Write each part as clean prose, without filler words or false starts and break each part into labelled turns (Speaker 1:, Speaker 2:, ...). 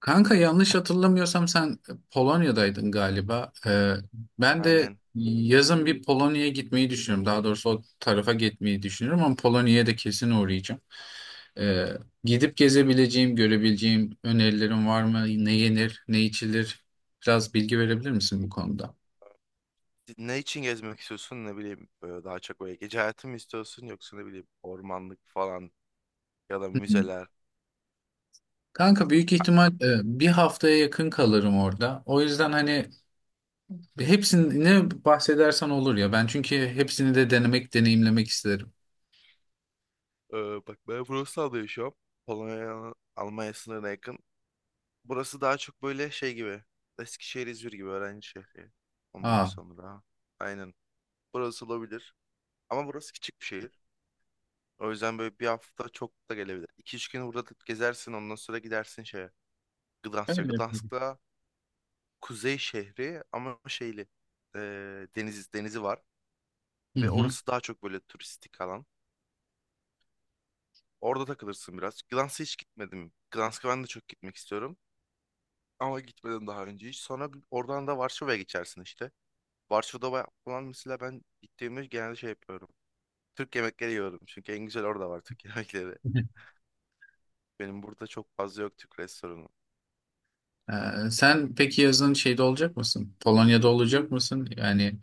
Speaker 1: Kanka yanlış hatırlamıyorsam sen Polonya'daydın galiba. Ben de
Speaker 2: Aynen.
Speaker 1: yazın bir Polonya'ya gitmeyi düşünüyorum. Daha doğrusu o tarafa gitmeyi düşünüyorum ama Polonya'ya da kesin uğrayacağım. Ee, gidip gezebileceğim, görebileceğim önerilerin var mı? Ne yenir, ne içilir? Biraz bilgi verebilir misin bu konuda?
Speaker 2: Ne için gezmek istiyorsun? Ne bileyim böyle daha çok böyle gece hayatı mı istiyorsun yoksa ne bileyim ormanlık falan ya da
Speaker 1: Hı hı.
Speaker 2: müzeler.
Speaker 1: Kanka büyük ihtimal bir haftaya yakın kalırım orada. O yüzden hani hepsini bahsedersen olur ya. Ben çünkü hepsini de denemek, deneyimlemek isterim.
Speaker 2: Ee, bak ben Wrocław'da yaşıyorum. Polonya Almanya sınırına yakın. Burası daha çok böyle şey gibi. Eskişehir İzmir gibi öğrenci şehri. Ondan
Speaker 1: Aa,
Speaker 2: sonra aynen. Burası olabilir. Ama burası küçük bir şehir. O yüzden böyle bir hafta çok da gelebilir. 2 üç gün burada gezersin ondan sonra gidersin şeye. Gdansk'a.
Speaker 1: öyle yapalım.
Speaker 2: Gdansk'ta kuzey şehri ama şeyli e, denizi var
Speaker 1: Hı
Speaker 2: ve
Speaker 1: hı.
Speaker 2: orası daha çok böyle turistik alan. Orada takılırsın biraz. Gdansk'a hiç gitmedim. Gdansk'a ben de çok gitmek istiyorum ama gitmedim daha önce hiç. Sonra oradan da Varşova'ya geçersin işte. Varşova'da falan mesela ben gittiğimde genelde şey yapıyorum. Türk yemekleri yiyorum çünkü en güzel orada var Türk yemekleri. Benim burada çok fazla yok Türk restoranı.
Speaker 1: Sen peki yazın şeyde olacak mısın? Polonya'da olacak mısın? Yani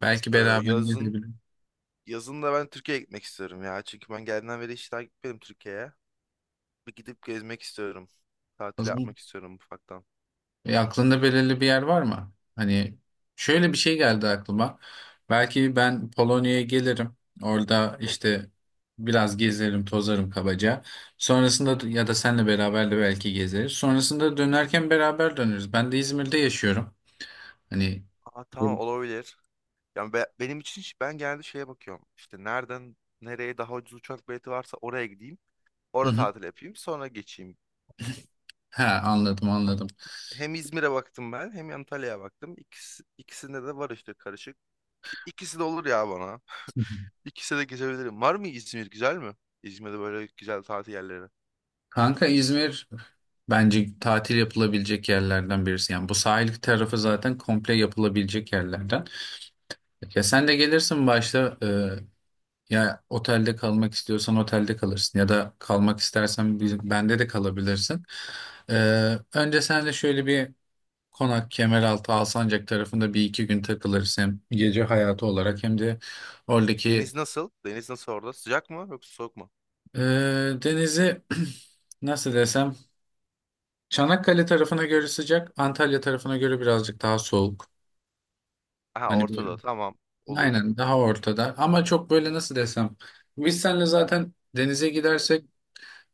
Speaker 1: belki
Speaker 2: Ee,
Speaker 1: beraber
Speaker 2: yazın
Speaker 1: gidebiliriz.
Speaker 2: yazın da ben Türkiye'ye gitmek istiyorum ya. Çünkü ben geldiğimden beri hiç daha gitmedim Türkiye'ye. Bir gidip gezmek istiyorum.
Speaker 1: O
Speaker 2: Tatil
Speaker 1: zaman-
Speaker 2: yapmak istiyorum ufaktan.
Speaker 1: Aklında belirli bir yer var mı? Hani şöyle bir şey geldi aklıma. Belki ben Polonya'ya gelirim. Orada işte biraz gezerim, tozarım kabaca. Sonrasında ya da senle beraber de belki gezeriz. Sonrasında dönerken beraber döneriz. Ben de İzmir'de yaşıyorum. Hani.
Speaker 2: Aa, tamam olabilir. Yani benim için ben genelde şeye bakıyorum. İşte nereden nereye daha ucuz uçak bileti varsa oraya gideyim.
Speaker 1: Hı
Speaker 2: Orada
Speaker 1: hı.
Speaker 2: tatil yapayım. Sonra geçeyim.
Speaker 1: Ha, anladım anladım.
Speaker 2: Hem İzmir'e baktım ben hem Antalya'ya baktım. İkisi, ikisinde de var işte karışık. İkisi de olur ya bana. İkisi de gezebilirim. Var mı İzmir güzel mi? İzmir'de böyle güzel tatil yerleri.
Speaker 1: Kanka İzmir bence tatil yapılabilecek yerlerden birisi. Yani bu sahil tarafı zaten komple yapılabilecek yerlerden. Ya sen de gelirsin başta, ya otelde kalmak istiyorsan otelde kalırsın ya da kalmak istersen bizim, bende de kalabilirsin. E, önce sen de şöyle bir Konak, Kemeraltı, Alsancak tarafında bir iki gün takılırsın. Hem gece hayatı olarak hem de oradaki
Speaker 2: Deniz nasıl? Deniz nasıl orada? Sıcak mı yoksa soğuk mu?
Speaker 1: e, denizi nasıl desem, Çanakkale tarafına göre sıcak, Antalya tarafına göre birazcık daha soğuk.
Speaker 2: Aha
Speaker 1: Hani böyle.
Speaker 2: ortada tamam olur.
Speaker 1: Aynen, daha ortada. Ama çok böyle nasıl desem. Biz seninle zaten denize gidersek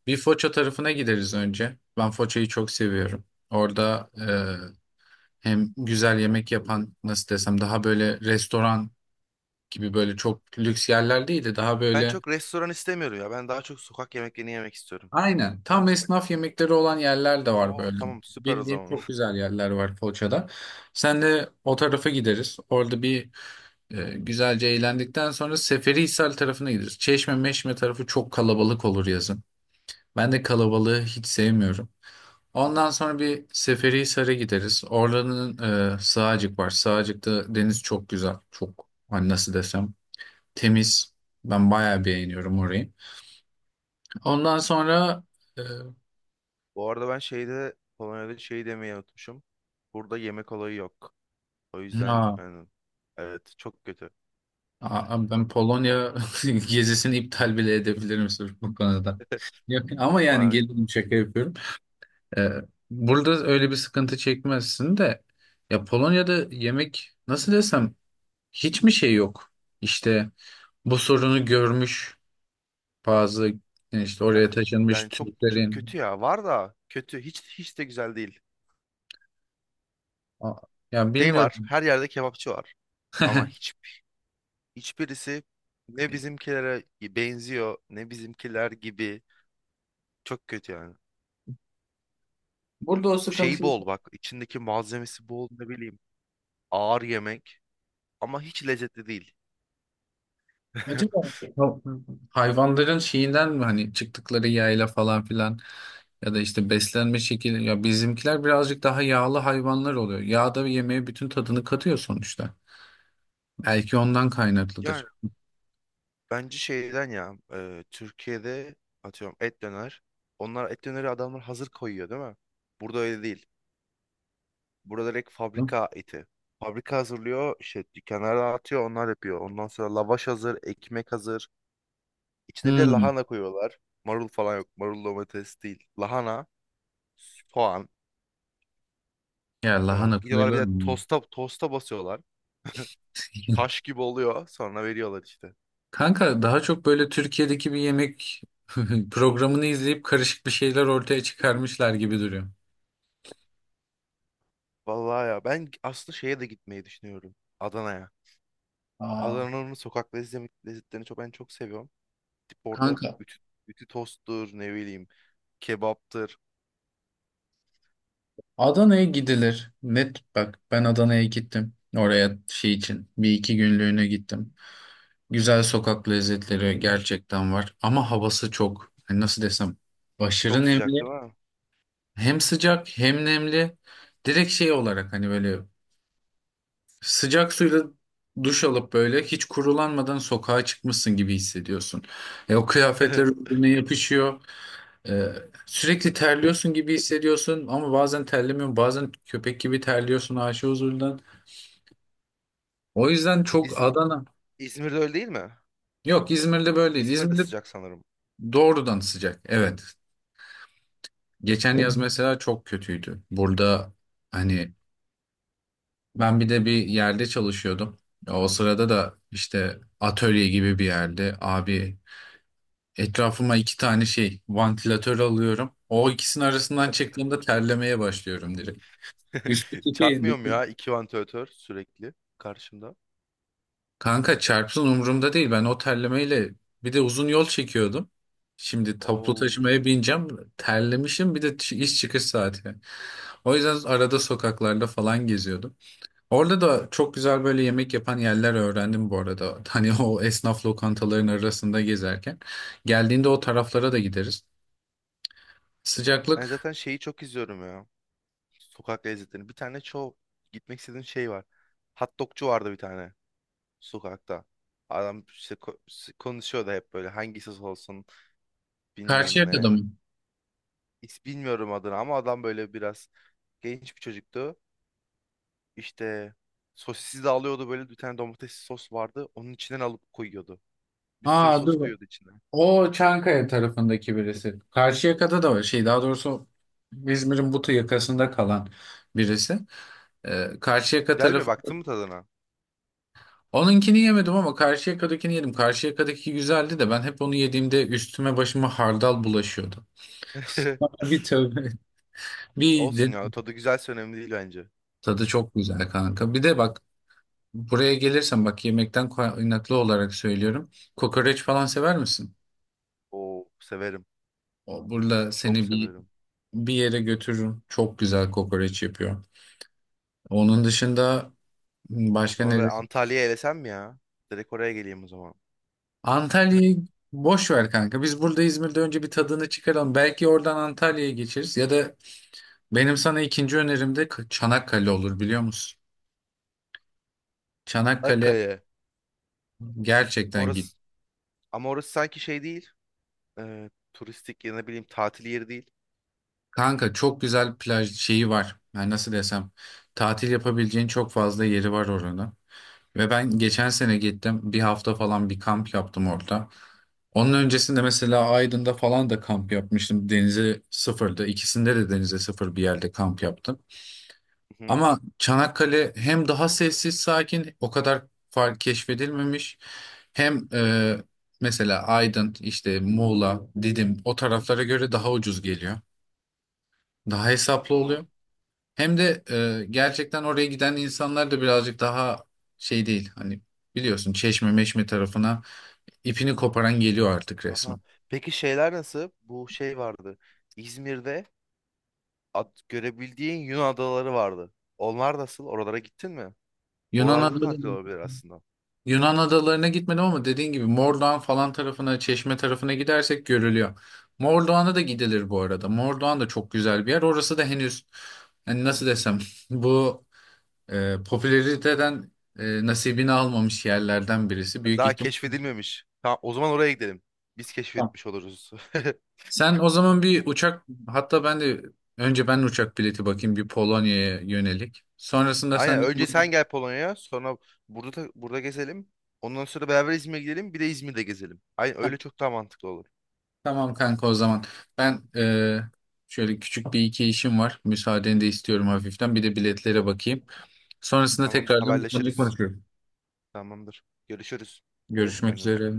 Speaker 1: bir Foça tarafına gideriz önce. Ben Foça'yı çok seviyorum. Orada hem güzel yemek yapan, nasıl desem, daha böyle restoran gibi böyle çok lüks yerler değil de daha
Speaker 2: Ben
Speaker 1: böyle
Speaker 2: çok restoran istemiyorum ya. Ben daha çok sokak yemeklerini yemek istiyorum.
Speaker 1: aynen
Speaker 2: Ben...
Speaker 1: tam esnaf yemekleri olan yerler de var
Speaker 2: Oo
Speaker 1: böyle.
Speaker 2: tamam süper o
Speaker 1: Bildiğim
Speaker 2: zaman.
Speaker 1: çok güzel yerler var Foça'da. Sen de o tarafa gideriz. Orada bir güzelce eğlendikten sonra Seferihisar tarafına gideriz. Çeşme Meşme tarafı çok kalabalık olur yazın. Ben de kalabalığı hiç sevmiyorum. Ondan sonra bir Seferihisar'a gideriz. Oranın Sığacık var. Sığacık'ta deniz çok güzel. Çok hani nasıl desem temiz. Ben bayağı beğeniyorum orayı. Ondan sonra e,
Speaker 2: Bu arada ben Polonya'da şey demeyi unutmuşum. Burada yemek olayı yok. O yüzden
Speaker 1: ha,
Speaker 2: yani evet çok kötü.
Speaker 1: ben Polonya gezisini iptal bile edebilirim sırf bu konuda. Yok, ama yani
Speaker 2: Vay,
Speaker 1: gelin şaka yapıyorum. Ee, burada öyle bir sıkıntı çekmezsin de ya Polonya'da yemek nasıl desem hiç mi şey yok? İşte bu sorunu görmüş bazı yani işte
Speaker 2: eh,
Speaker 1: oraya taşınmış
Speaker 2: yani çok, çok kötü
Speaker 1: Türklerin.
Speaker 2: ya. Var da kötü. Hiç hiç de güzel değil.
Speaker 1: A- ya
Speaker 2: Şey
Speaker 1: bilmiyorum.
Speaker 2: var. Her yerde kebapçı var. Ama hiçbirisi ne bizimkilere benziyor ne bizimkiler gibi. Çok kötü yani.
Speaker 1: Burada o
Speaker 2: Şey
Speaker 1: sıkıntı
Speaker 2: bol bak içindeki malzemesi bol ne bileyim. Ağır yemek ama hiç lezzetli değil.
Speaker 1: acaba hayvanların şeyinden mi, hani çıktıkları yayla falan filan, ya da işte beslenme şekli, ya bizimkiler birazcık daha yağlı hayvanlar oluyor. Yağ da yemeğe bütün tadını katıyor sonuçta. Belki ondan
Speaker 2: Yani
Speaker 1: kaynaklıdır.
Speaker 2: bence şeyden ya Türkiye'de atıyorum et döner. Onlar et döneri adamlar hazır koyuyor değil mi? Burada öyle değil. Burada direkt
Speaker 1: Hı?
Speaker 2: fabrika eti. Fabrika hazırlıyor işte dükkanlara atıyor onlar yapıyor. Ondan sonra lavaş hazır, ekmek hazır. İçine bir de
Speaker 1: Hmm.
Speaker 2: lahana koyuyorlar. Marul falan yok. Marul domates değil. Lahana, soğan.
Speaker 1: Ya
Speaker 2: Sonra
Speaker 1: lahana
Speaker 2: gidiyorlar bir
Speaker 1: koyulur
Speaker 2: de
Speaker 1: mu?
Speaker 2: tosta, tosta basıyorlar. Taş gibi oluyor. Sonra veriyorlar işte.
Speaker 1: Kanka daha çok böyle Türkiye'deki bir yemek programını izleyip karışık bir şeyler ortaya çıkarmışlar gibi duruyor.
Speaker 2: Vallahi ya ben aslında şeye de gitmeyi düşünüyorum. Adana'ya.
Speaker 1: Aa,
Speaker 2: Adana'nın sokak lezzetlerini çok ben çok seviyorum. Tip orada
Speaker 1: kanka
Speaker 2: ütü tosttur, ne bileyim, kebaptır.
Speaker 1: Adana'ya gidilir. Net, bak ben Adana'ya gittim. Oraya şey için bir iki günlüğüne gittim. Güzel sokak lezzetleri gerçekten var ama havası çok. Hani nasıl desem aşırı
Speaker 2: Çok sıcak
Speaker 1: nemli.
Speaker 2: değil mi?
Speaker 1: Hem sıcak hem nemli. Direkt şey olarak hani böyle sıcak suyla duş alıp böyle hiç kurulanmadan sokağa çıkmışsın gibi hissediyorsun. O kıyafetler birbirine yapışıyor. E, sürekli terliyorsun gibi hissediyorsun ama bazen terlemiyorsun. Bazen köpek gibi terliyorsun aşı huzurundan. O yüzden çok
Speaker 2: İzm-
Speaker 1: Adana.
Speaker 2: İzmir'de öyle değil mi?
Speaker 1: Yok, İzmir'de böyle değil.
Speaker 2: İzmir'de
Speaker 1: İzmir'de
Speaker 2: sıcak sanırım.
Speaker 1: doğrudan sıcak. Evet. Geçen yaz mesela çok kötüydü. Burada hani ben bir de bir yerde çalışıyordum. O sırada da işte atölye gibi bir yerde, abi, etrafıma iki tane şey, vantilatör alıyorum. O ikisinin arasından çıktığımda terlemeye başlıyorum direkt. Üstteki şey.
Speaker 2: Çarpmıyor mu ya iki vantilatör sürekli karşımda.
Speaker 1: Kanka çarpsın, umurumda değil. Ben o terlemeyle bir de uzun yol çekiyordum. Şimdi toplu
Speaker 2: Oo.
Speaker 1: taşımaya bineceğim. Terlemişim, bir de iş çıkış saati. O yüzden arada sokaklarda falan geziyordum. Orada da çok güzel böyle yemek yapan yerler öğrendim bu arada. Hani o esnaf lokantaların arasında gezerken. Geldiğinde o taraflara da gideriz.
Speaker 2: Ben
Speaker 1: Sıcaklık.
Speaker 2: zaten şeyi çok izliyorum ya. Sokak lezzetlerini. Bir tane çok gitmek istediğim şey var. Hot dogcu vardı bir tane. Sokakta. Adam işte konuşuyor da hep böyle hangisi olsun bilmem ne.
Speaker 1: Karşıyaka'da mı?
Speaker 2: Hiç bilmiyorum adını ama adam böyle biraz genç bir çocuktu. İşte sosisi de alıyordu böyle bir tane domates sos vardı. Onun içinden alıp koyuyordu. Bir sürü
Speaker 1: Aa,
Speaker 2: sos
Speaker 1: dur.
Speaker 2: koyuyordu içine.
Speaker 1: O Çankaya tarafındaki birisi. Karşıyaka'da da var. Şey, daha doğrusu İzmir'in Butu yakasında kalan birisi. Karşıyaka
Speaker 2: Güzel mi?
Speaker 1: tarafı.
Speaker 2: Baktın mı tadına?
Speaker 1: Onunkini yemedim ama Karşıyaka'dakini yedim. Karşıyaka'daki güzeldi de ben hep onu yediğimde üstüme başıma hardal bulaşıyordu. Bir tövbe. Bir
Speaker 2: Olsun
Speaker 1: de
Speaker 2: ya tadı güzelse önemli değil bence.
Speaker 1: tadı çok güzel, kanka. Bir de bak, buraya gelirsen bak, yemekten kaynaklı olarak söylüyorum. Kokoreç falan sever misin?
Speaker 2: Oo severim.
Speaker 1: O, burada
Speaker 2: Çok
Speaker 1: seni bir
Speaker 2: severim.
Speaker 1: bir yere götürürüm. Çok güzel kokoreç yapıyor. Onun dışında
Speaker 2: O
Speaker 1: başka
Speaker 2: zaman ben
Speaker 1: neresi?
Speaker 2: Antalya'ya elesem mi ya? Direkt oraya geleyim o zaman.
Speaker 1: Antalya'yı boş ver kanka. Biz burada İzmir'de önce bir tadını çıkaralım. Belki oradan Antalya'ya geçeriz. Ya da benim sana ikinci önerim de Çanakkale olur, biliyor musun? Çanakkale,
Speaker 2: Akkaya.
Speaker 1: gerçekten git.
Speaker 2: Orası ama orası sanki şey değil. Turistik ya ne bileyim tatil yeri değil.
Speaker 1: Kanka çok güzel plaj şeyi var. Yani nasıl desem, tatil yapabileceğin çok fazla yeri var orada. Ve ben geçen sene gittim. Bir hafta falan bir kamp yaptım orada. Onun öncesinde mesela Aydın'da falan da kamp yapmıştım. Denize sıfırdı. İkisinde de denize sıfır bir yerde kamp yaptım.
Speaker 2: Hı hı.
Speaker 1: Ama Çanakkale hem daha sessiz sakin, o kadar fark keşfedilmemiş. Hem mesela Aydın işte, Muğla, Didim o taraflara göre daha ucuz geliyor. Daha hesaplı
Speaker 2: Aa,
Speaker 1: oluyor. Hem de gerçekten oraya giden insanlar da birazcık daha şey değil. Hani biliyorsun Çeşme Meşme tarafına ipini koparan geliyor artık
Speaker 2: aha.
Speaker 1: resmen.
Speaker 2: Peki şeyler nasıl? Bu şey vardı. İzmir'de görebildiğin Yunan adaları vardı. Onlar nasıl? Oralara gittin mi?
Speaker 1: Yunan
Speaker 2: Oralarda da tatil
Speaker 1: adalarına,
Speaker 2: olabilir aslında.
Speaker 1: Yunan adalarına gitmedim ama dediğin gibi Mordoğan falan tarafına, Çeşme tarafına gidersek görülüyor. Mordoğan'a da gidilir bu arada. Mordoğan da çok güzel bir yer. Orası da henüz hani nasıl desem bu popülariteden nasibini almamış yerlerden birisi. Büyük
Speaker 2: Daha
Speaker 1: ihtimal.
Speaker 2: keşfedilmemiş. Tamam, o zaman oraya gidelim. Biz keşfetmiş oluruz.
Speaker 1: Sen o zaman bir uçak, hatta ben de önce ben uçak bileti bakayım bir Polonya'ya yönelik. Sonrasında sen
Speaker 2: Aynen.
Speaker 1: de.
Speaker 2: Önce sen gel Polonya'ya, sonra burada burada gezelim. Ondan sonra beraber İzmir'e gidelim, bir de İzmir'de gezelim. Aynen öyle çok daha mantıklı olur.
Speaker 1: Tamam kanka, o zaman. Ben şöyle küçük bir iki işim var. Müsaadeni de istiyorum hafiften. Bir de biletlere bakayım. Sonrasında
Speaker 2: Tamamdır,
Speaker 1: tekrardan bu konuyu
Speaker 2: haberleşiriz.
Speaker 1: konuşuyorum.
Speaker 2: Tamamdır. Görüşürüz. Dikkat et
Speaker 1: Görüşmek
Speaker 2: kendine.
Speaker 1: üzere.